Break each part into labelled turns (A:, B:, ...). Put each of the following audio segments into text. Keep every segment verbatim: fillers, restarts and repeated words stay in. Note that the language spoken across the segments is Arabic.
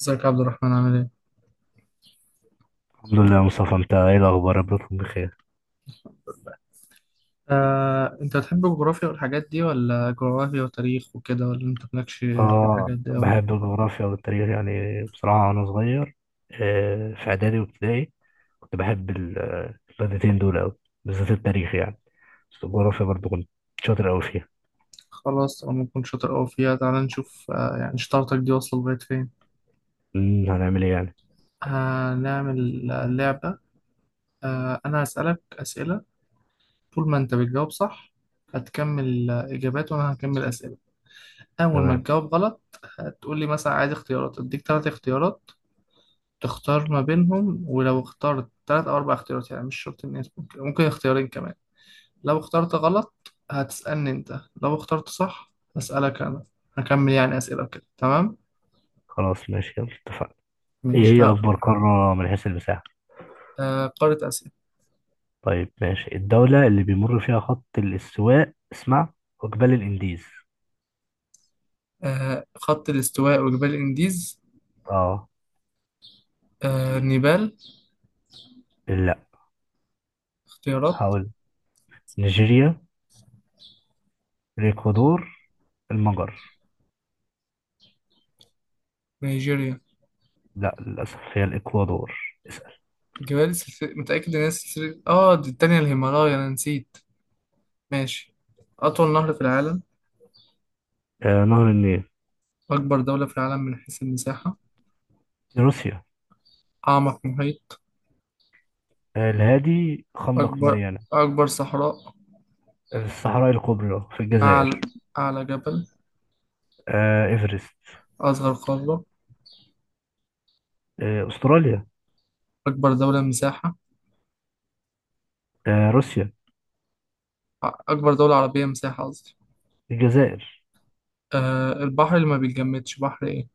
A: ازيك يا عبد الرحمن عامل ايه؟
B: الحمد لله يا مصطفى، انت ايه الاخبار؟ ربكم بخير.
A: آه، انت بتحب الجغرافيا والحاجات دي ولا جغرافيا وتاريخ وكده، ولا انت مالكش في
B: اه،
A: الحاجات دي اوي؟
B: بحب الجغرافيا والتاريخ يعني بصراحه وانا صغير. آه، في اعدادي وابتدائي كنت بحب ال- آه، المادتين دول قوي، بالذات التاريخ يعني. بس الجغرافيا برضو كنت شاطر قوي فيها.
A: خلاص، طالما كنت شاطر اوي فيها تعالى نشوف آه يعني شطارتك دي واصلة لغاية فين؟
B: امم، هنعمل ايه يعني؟
A: هنعمل آه، لعبة. آه انا هسألك اسئلة. طول ما انت بتجاوب صح هتكمل آه، اجابات وانا هكمل اسئلة. اول ما
B: تمام.
A: تجاوب غلط هتقول لي مثلا عايز اختيارات، اديك ثلاث اختيارات تختار ما بينهم، ولو اخترت ثلاث او اربع اختيارات يعني مش شرط ان يكون- ممكن اختيارين كمان. لو اخترت غلط هتسألني انت، لو اخترت صح هسألك انا. هكمل يعني أسئلة كده، تمام؟
B: خلاص ماشي، يلا اتفقنا. ايه
A: ماشي
B: هي
A: ه...
B: اكبر قاره من حيث المساحه؟
A: آه قارة آسيا.
B: طيب ماشي. الدوله اللي بيمر فيها خط الاستواء، اسمع، وجبال الانديز.
A: آه خط الاستواء وجبال الانديز.
B: اه.
A: آه نيبال.
B: لا.
A: اختيارات.
B: هقول نيجيريا، الاكوادور، المجر.
A: نيجيريا.
B: لا للأسف، هي الإكوادور. اسأل.
A: جبال، سلسلة، متأكد ان هي سلسلة اه دي التانية الهيمالايا، انا نسيت. ماشي. أطول نهر في العالم؟
B: آه نهر النيل.
A: أكبر دولة في العالم من حيث المساحة؟
B: في روسيا.
A: أعمق محيط؟
B: آه الهادي، خندق
A: أكبر
B: ماريانا.
A: أكبر صحراء؟
B: آه، في الصحراء الكبرى في الجزائر.
A: أعلى أعلى جبل؟
B: آه إيفرست.
A: أصغر قارة؟
B: آه أستراليا.
A: أكبر دولة مساحة؟
B: آه روسيا.
A: أكبر دولة عربية مساحة قصدي.
B: الجزائر.
A: أه البحر اللي ما بيتجمدش، بحر إيه؟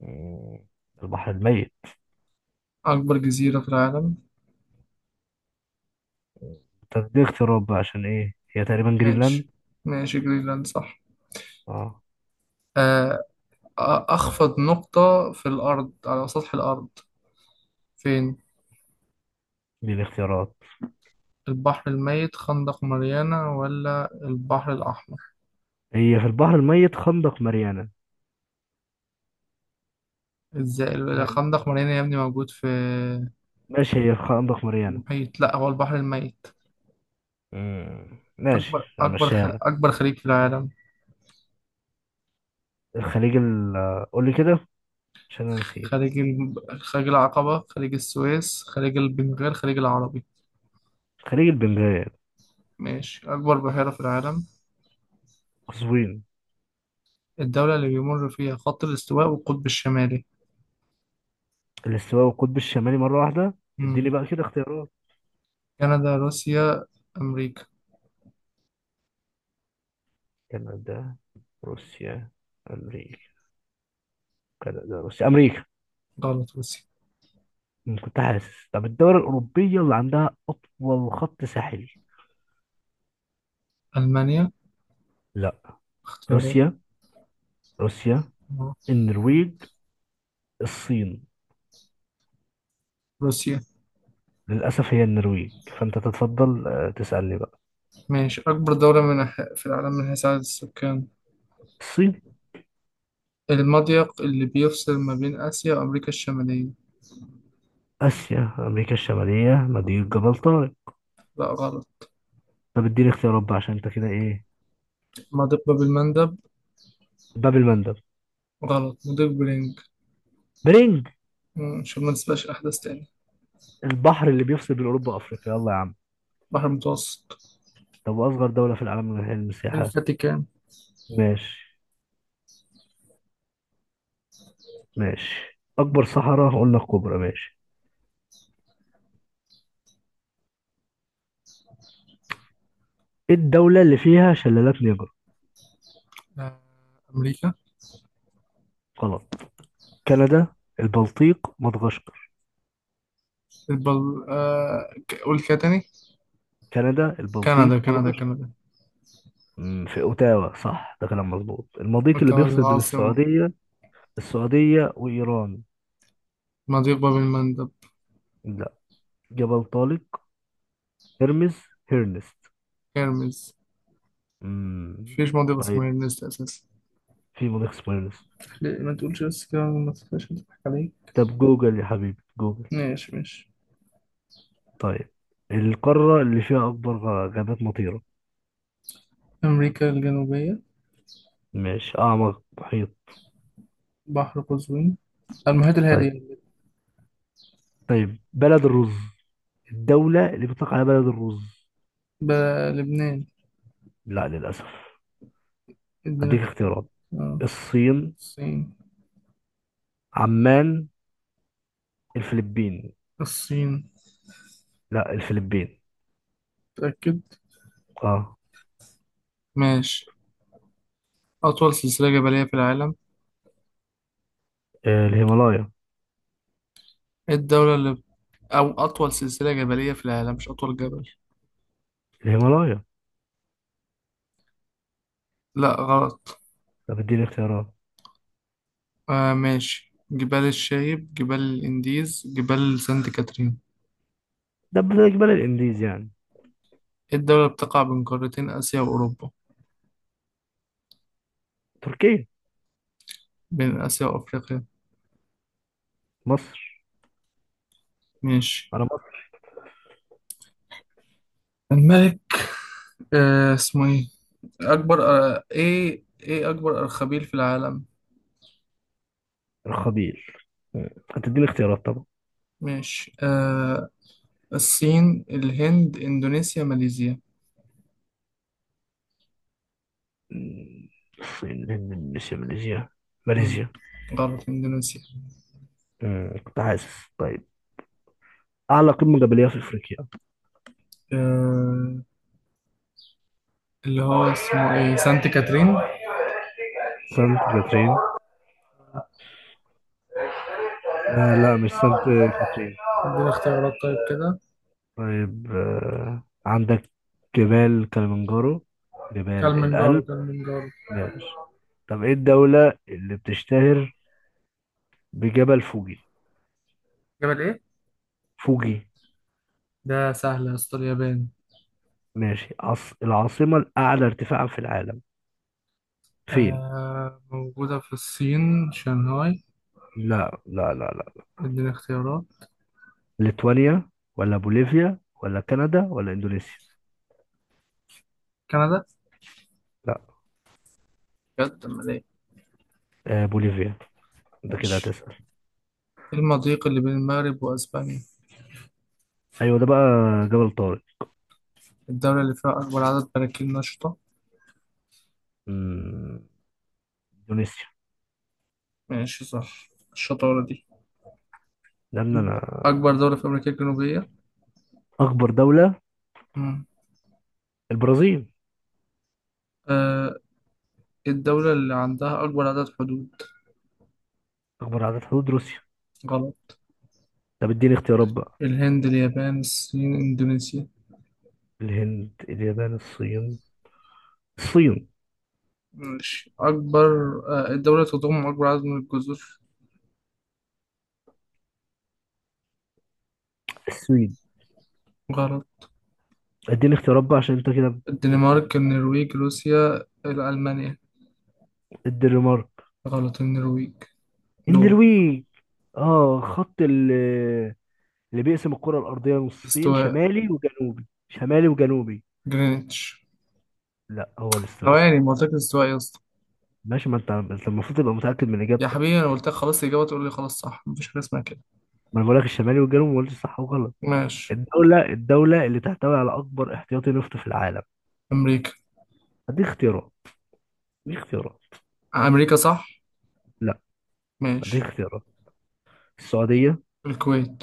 B: مم، البحر الميت.
A: أكبر جزيرة في العالم؟
B: طب دي اختيارات بقى، عشان إيه، هي تقريبا
A: ماشي،
B: جرينلاند.
A: ماشي جرينلاند صح.
B: اه.
A: أه أ- أخفض نقطة في الأرض، على سطح الأرض، فين؟
B: دي الاختيارات.
A: البحر الميت، خندق ماريانا، ولا البحر الأحمر؟
B: هي في البحر الميت، خندق ماريانا.
A: إزاي
B: فاهم؟
A: الخندق ماريانا يا ابني موجود في
B: ماشي، هي في خندق ماريانا.
A: المحيط؟ لا، هو البحر الميت.
B: مم، ماشي،
A: أكبر أكبر خ...
B: هنمشيها لك.
A: أكبر خليج في العالم؟
B: الخليج ال قول لي كده، عشان أنا نسيت.
A: خليج ال... خليج العقبة، خليج السويس، خليج البنغال، خليج العربي؟
B: الخليج البنغالي.
A: ماشي. أكبر بحيرة في العالم؟
B: قزوين.
A: الدولة اللي بيمر فيها خط الاستواء والقطب الشمالي؟
B: الاستواء والقطب الشمالي مرة واحدة؟
A: مم.
B: اديني بقى كده اختيارات.
A: كندا، روسيا، أمريكا.
B: كندا، روسيا، أمريكا. كندا روسيا أمريكا.
A: غلط، روسيا.
B: أمم، كنت حاسس. طب الدول الأوروبية اللي عندها أطول خط ساحلي؟
A: ألمانيا.
B: لا.
A: اختيارات.
B: روسيا. روسيا،
A: آه،
B: النرويج، الصين.
A: روسيا.
B: للأسف هي النرويج. فأنت تتفضل، آه، تسألني بقى.
A: ماشي. أكبر دولة من ح- في العالم من حيث عدد السكان؟
B: الصين.
A: المضيق اللي بيفصل ما بين آسيا وأمريكا الشمالية؟
B: آسيا أمريكا الشمالية، مضيق جبل طارق.
A: لا غلط.
B: طب اديني اختيارات بقى، عشان انت كده ايه.
A: مضيق باب المندب.
B: باب المندب.
A: غلط، مضيق برينج.
B: برينج.
A: مم، عشان ما نسبقش أحداث تاني.
B: البحر اللي بيفصل بين أوروبا وأفريقيا، يلا يا عم.
A: بحر المتوسط.
B: طب أصغر دولة في العالم من حيث المساحة؟
A: الفاتيكان.
B: ماشي. ماشي، أكبر صحراء هقول لك كبرى. ماشي. إيه الدولة اللي فيها شلالات نيجر؟
A: آه، أمريكا.
B: غلط. كندا، البلطيق، مدغشقر.
A: البل... آه... ك- قول كده تاني.
B: كندا
A: كندا،
B: البلطيق
A: كندا،
B: مدغشقر.
A: كندا.
B: أمم، في أوتاوا صح، ده كلام مظبوط. المضيق اللي
A: مكتبة
B: بيفصل بين
A: العاصمة.
B: السعودية، السعودية وإيران.
A: مضيق باب المندب.
B: لا. جبل طارق. هرمز. هيرنست.
A: هرمز.
B: أمم،
A: مفيش مضيق اسمه
B: طيب،
A: هرمز أساسا.
B: في مضيق اسمه هيرنست.
A: ليه ما تقولش بس كده، ما تخافش هتضحك عليك.
B: طب جوجل يا حبيبي، جوجل.
A: ماشي، ماشي.
B: طيب، القارة اللي فيها أكبر غ- غابات مطيرة؟
A: أمريكا الجنوبية.
B: ماشي، أعمق محيط؟
A: بحر قزوين، المحيط
B: طيب.
A: الهادي.
B: طيب، بلد الرز، الدولة اللي بيطلق عليها بلد الرز؟
A: ب- لبنان.
B: لا للأسف.
A: ادينا
B: هديك
A: اختيار.
B: اختيارات.
A: اه.
B: الصين.
A: الصين.
B: عمان. الفلبين.
A: الصين.
B: لا، الفلبين.
A: متأكد؟
B: اه.
A: ماشي. أطول سلسلة جبلية في العالم؟
B: آه، الهيمالايا.
A: إيه الدولة اللي... أو أطول سلسلة جبلية في العالم، مش أطول جبل.
B: الهيمالايا.
A: لا غلط.
B: طب اديني اختيارات.
A: آه ماشي، جبال الشايب، جبال الانديز، جبال سانت كاترين.
B: ده بل- جبال الانديز يعني.
A: إيه الدولة بتقع بين قارتين آسيا وأوروبا؟
B: تركيا.
A: بين آسيا وأفريقيا؟
B: مصر.
A: ماشي.
B: انا مصر.
A: الملك آه اسمه ايه؟ أكبر آه ايه ايه أكبر أرخبيل في العالم؟
B: الخبيل. مم. هتديني اختيارات طبعا.
A: ماشي. آه الصين، الهند، إندونيسيا، ماليزيا.
B: مم. الصين الهند اندونيسيا ماليزيا.
A: مم.
B: ماليزيا.
A: غلط، إندونيسيا.
B: مم، كنت حاسس. طيب، اعلى قمة جبلية في افريقيا؟
A: آه اللي هو اسمه ايه، سانت كاترين.
B: سانت كاترين. آه، لا مش سانت كاترين.
A: ادينا اختيارات طيب كده.
B: طيب، آه عندك جبال كلمنجارو، جبال
A: كلمنجارو،
B: الألب.
A: كلمنجارو.
B: ماشي. طب ايه الدولة اللي بتشتهر بجبل فوجي؟
A: جبل ايه؟
B: فوجي.
A: ده سهل يا اسطى، اليابان.
B: ماشي. عص... العاصمة الأعلى ارتفاعا في العالم؟ فين.
A: آه موجودة في الصين، شنغهاي.
B: لا لا لا لا.
A: اديني اختيارات.
B: ليتوانيا، ولا بوليفيا، ولا كندا، ولا إندونيسيا.
A: كندا.
B: لا.
A: بجد، امال ايه؟
B: آه بوليفيا. انت كده
A: ماشي.
B: هتسأل.
A: إيه المضيق اللي بين المغرب وأسبانيا؟
B: ايوه ده بقى، جبل طارق.
A: الدولة اللي فيها أكبر عدد براكين نشطة؟
B: مم، إندونيسيا.
A: ماشي، صح الشطارة دي.
B: لأن أنا.
A: أكبر دولة في أمريكا الجنوبية؟
B: أكبر دولة.
A: مم.
B: البرازيل.
A: آه الدولة اللي عندها أكبر عدد حدود؟
B: أكبر عدد حدود، روسيا.
A: غلط.
B: طب اديني اختيارات بقى.
A: الهند، اليابان، الصين، إندونيسيا.
B: الهند اليابان الصين. الصين.
A: ماشي. أكبر آه الدولة تضم أكبر عدد من الجزر؟
B: السويد.
A: غلط.
B: اديني اختيارات بقى عشان انت كده. بت- بت-
A: الدنمارك، النرويج، روسيا، ألمانيا.
B: الدنمارك.
A: غلط، النرويج. دورة.
B: النرويج. اه، خط ال- اللي بيقسم الكرة الأرضية نصين
A: الاستواء.
B: شمالي وجنوبي، شمالي وجنوبي.
A: جرينتش.
B: لا، هو الاستواء
A: ثواني،
B: صح.
A: ما قلتلك الاستواء يا اسطى؟
B: ماشي، ما انت انت المفروض تبقى متأكد من
A: يا
B: إجابتك.
A: حبيبي انا قلت لك خلاص الإجابة، تقول لي خلاص صح، مفيش حاجة اسمها كده.
B: ما انا بقول لك الشمالي والجنوبي، ما قلتش صح وغلط.
A: ماشي.
B: الدولة الدولة اللي تحتوي على أكبر احتياطي نفط في العالم؟
A: أمريكا.
B: هديك اختيارات. هديك اختيارات.
A: أمريكا صح.
B: لا.
A: ماشي.
B: هديك اختيارات. السعودية.
A: الكويت.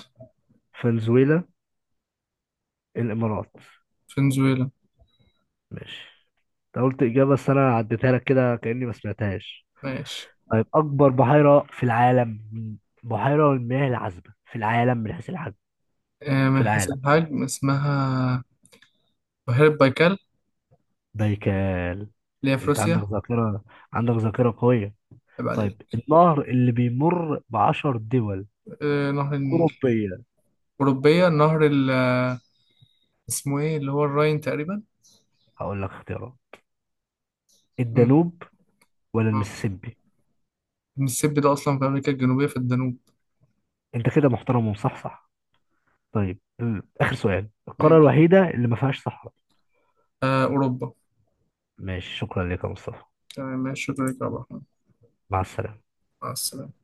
B: فنزويلا. الامارات.
A: فنزويلا.
B: ماشي. انت قلت اجابه بس انا عديتها لك كده كاني ما سمعتهاش.
A: ماشي.
B: طيب اكبر بحيره في العالم، بحيره المياه العذبه في العالم من حيث الحجم.
A: آه
B: في
A: من حيث
B: العالم.
A: الحجم اسمها بحيرة بايكال،
B: بايكال.
A: اللي هي في
B: انت عندك
A: روسيا.
B: ذاكره، عندك ذاكره قويه.
A: عيب
B: طيب
A: عليك.
B: النهر اللي بيمر بعشر دول
A: آه نهر النيل.
B: اوروبيه.
A: أوروبية. نهر ال آه، اسمه ايه اللي هو الراين تقريبا.
B: هقول لك اختيارات.
A: مم.
B: الدانوب ولا المسيسيبي.
A: المسيسيبي ده أصلا في أمريكا الجنوبية، في الجنوب.
B: انت كده محترم ومصحصح. طيب، ال- اخر سؤال، القاره
A: ماشي.
B: الوحيده اللي ما فيهاش صحراء؟
A: آه أوروبا.
B: ماشي، شكرا لك يا مصطفى.
A: تمام، ماشي، شكرا لك يا عبد الرحمن.
B: مع السلامة.
A: مع السلامة.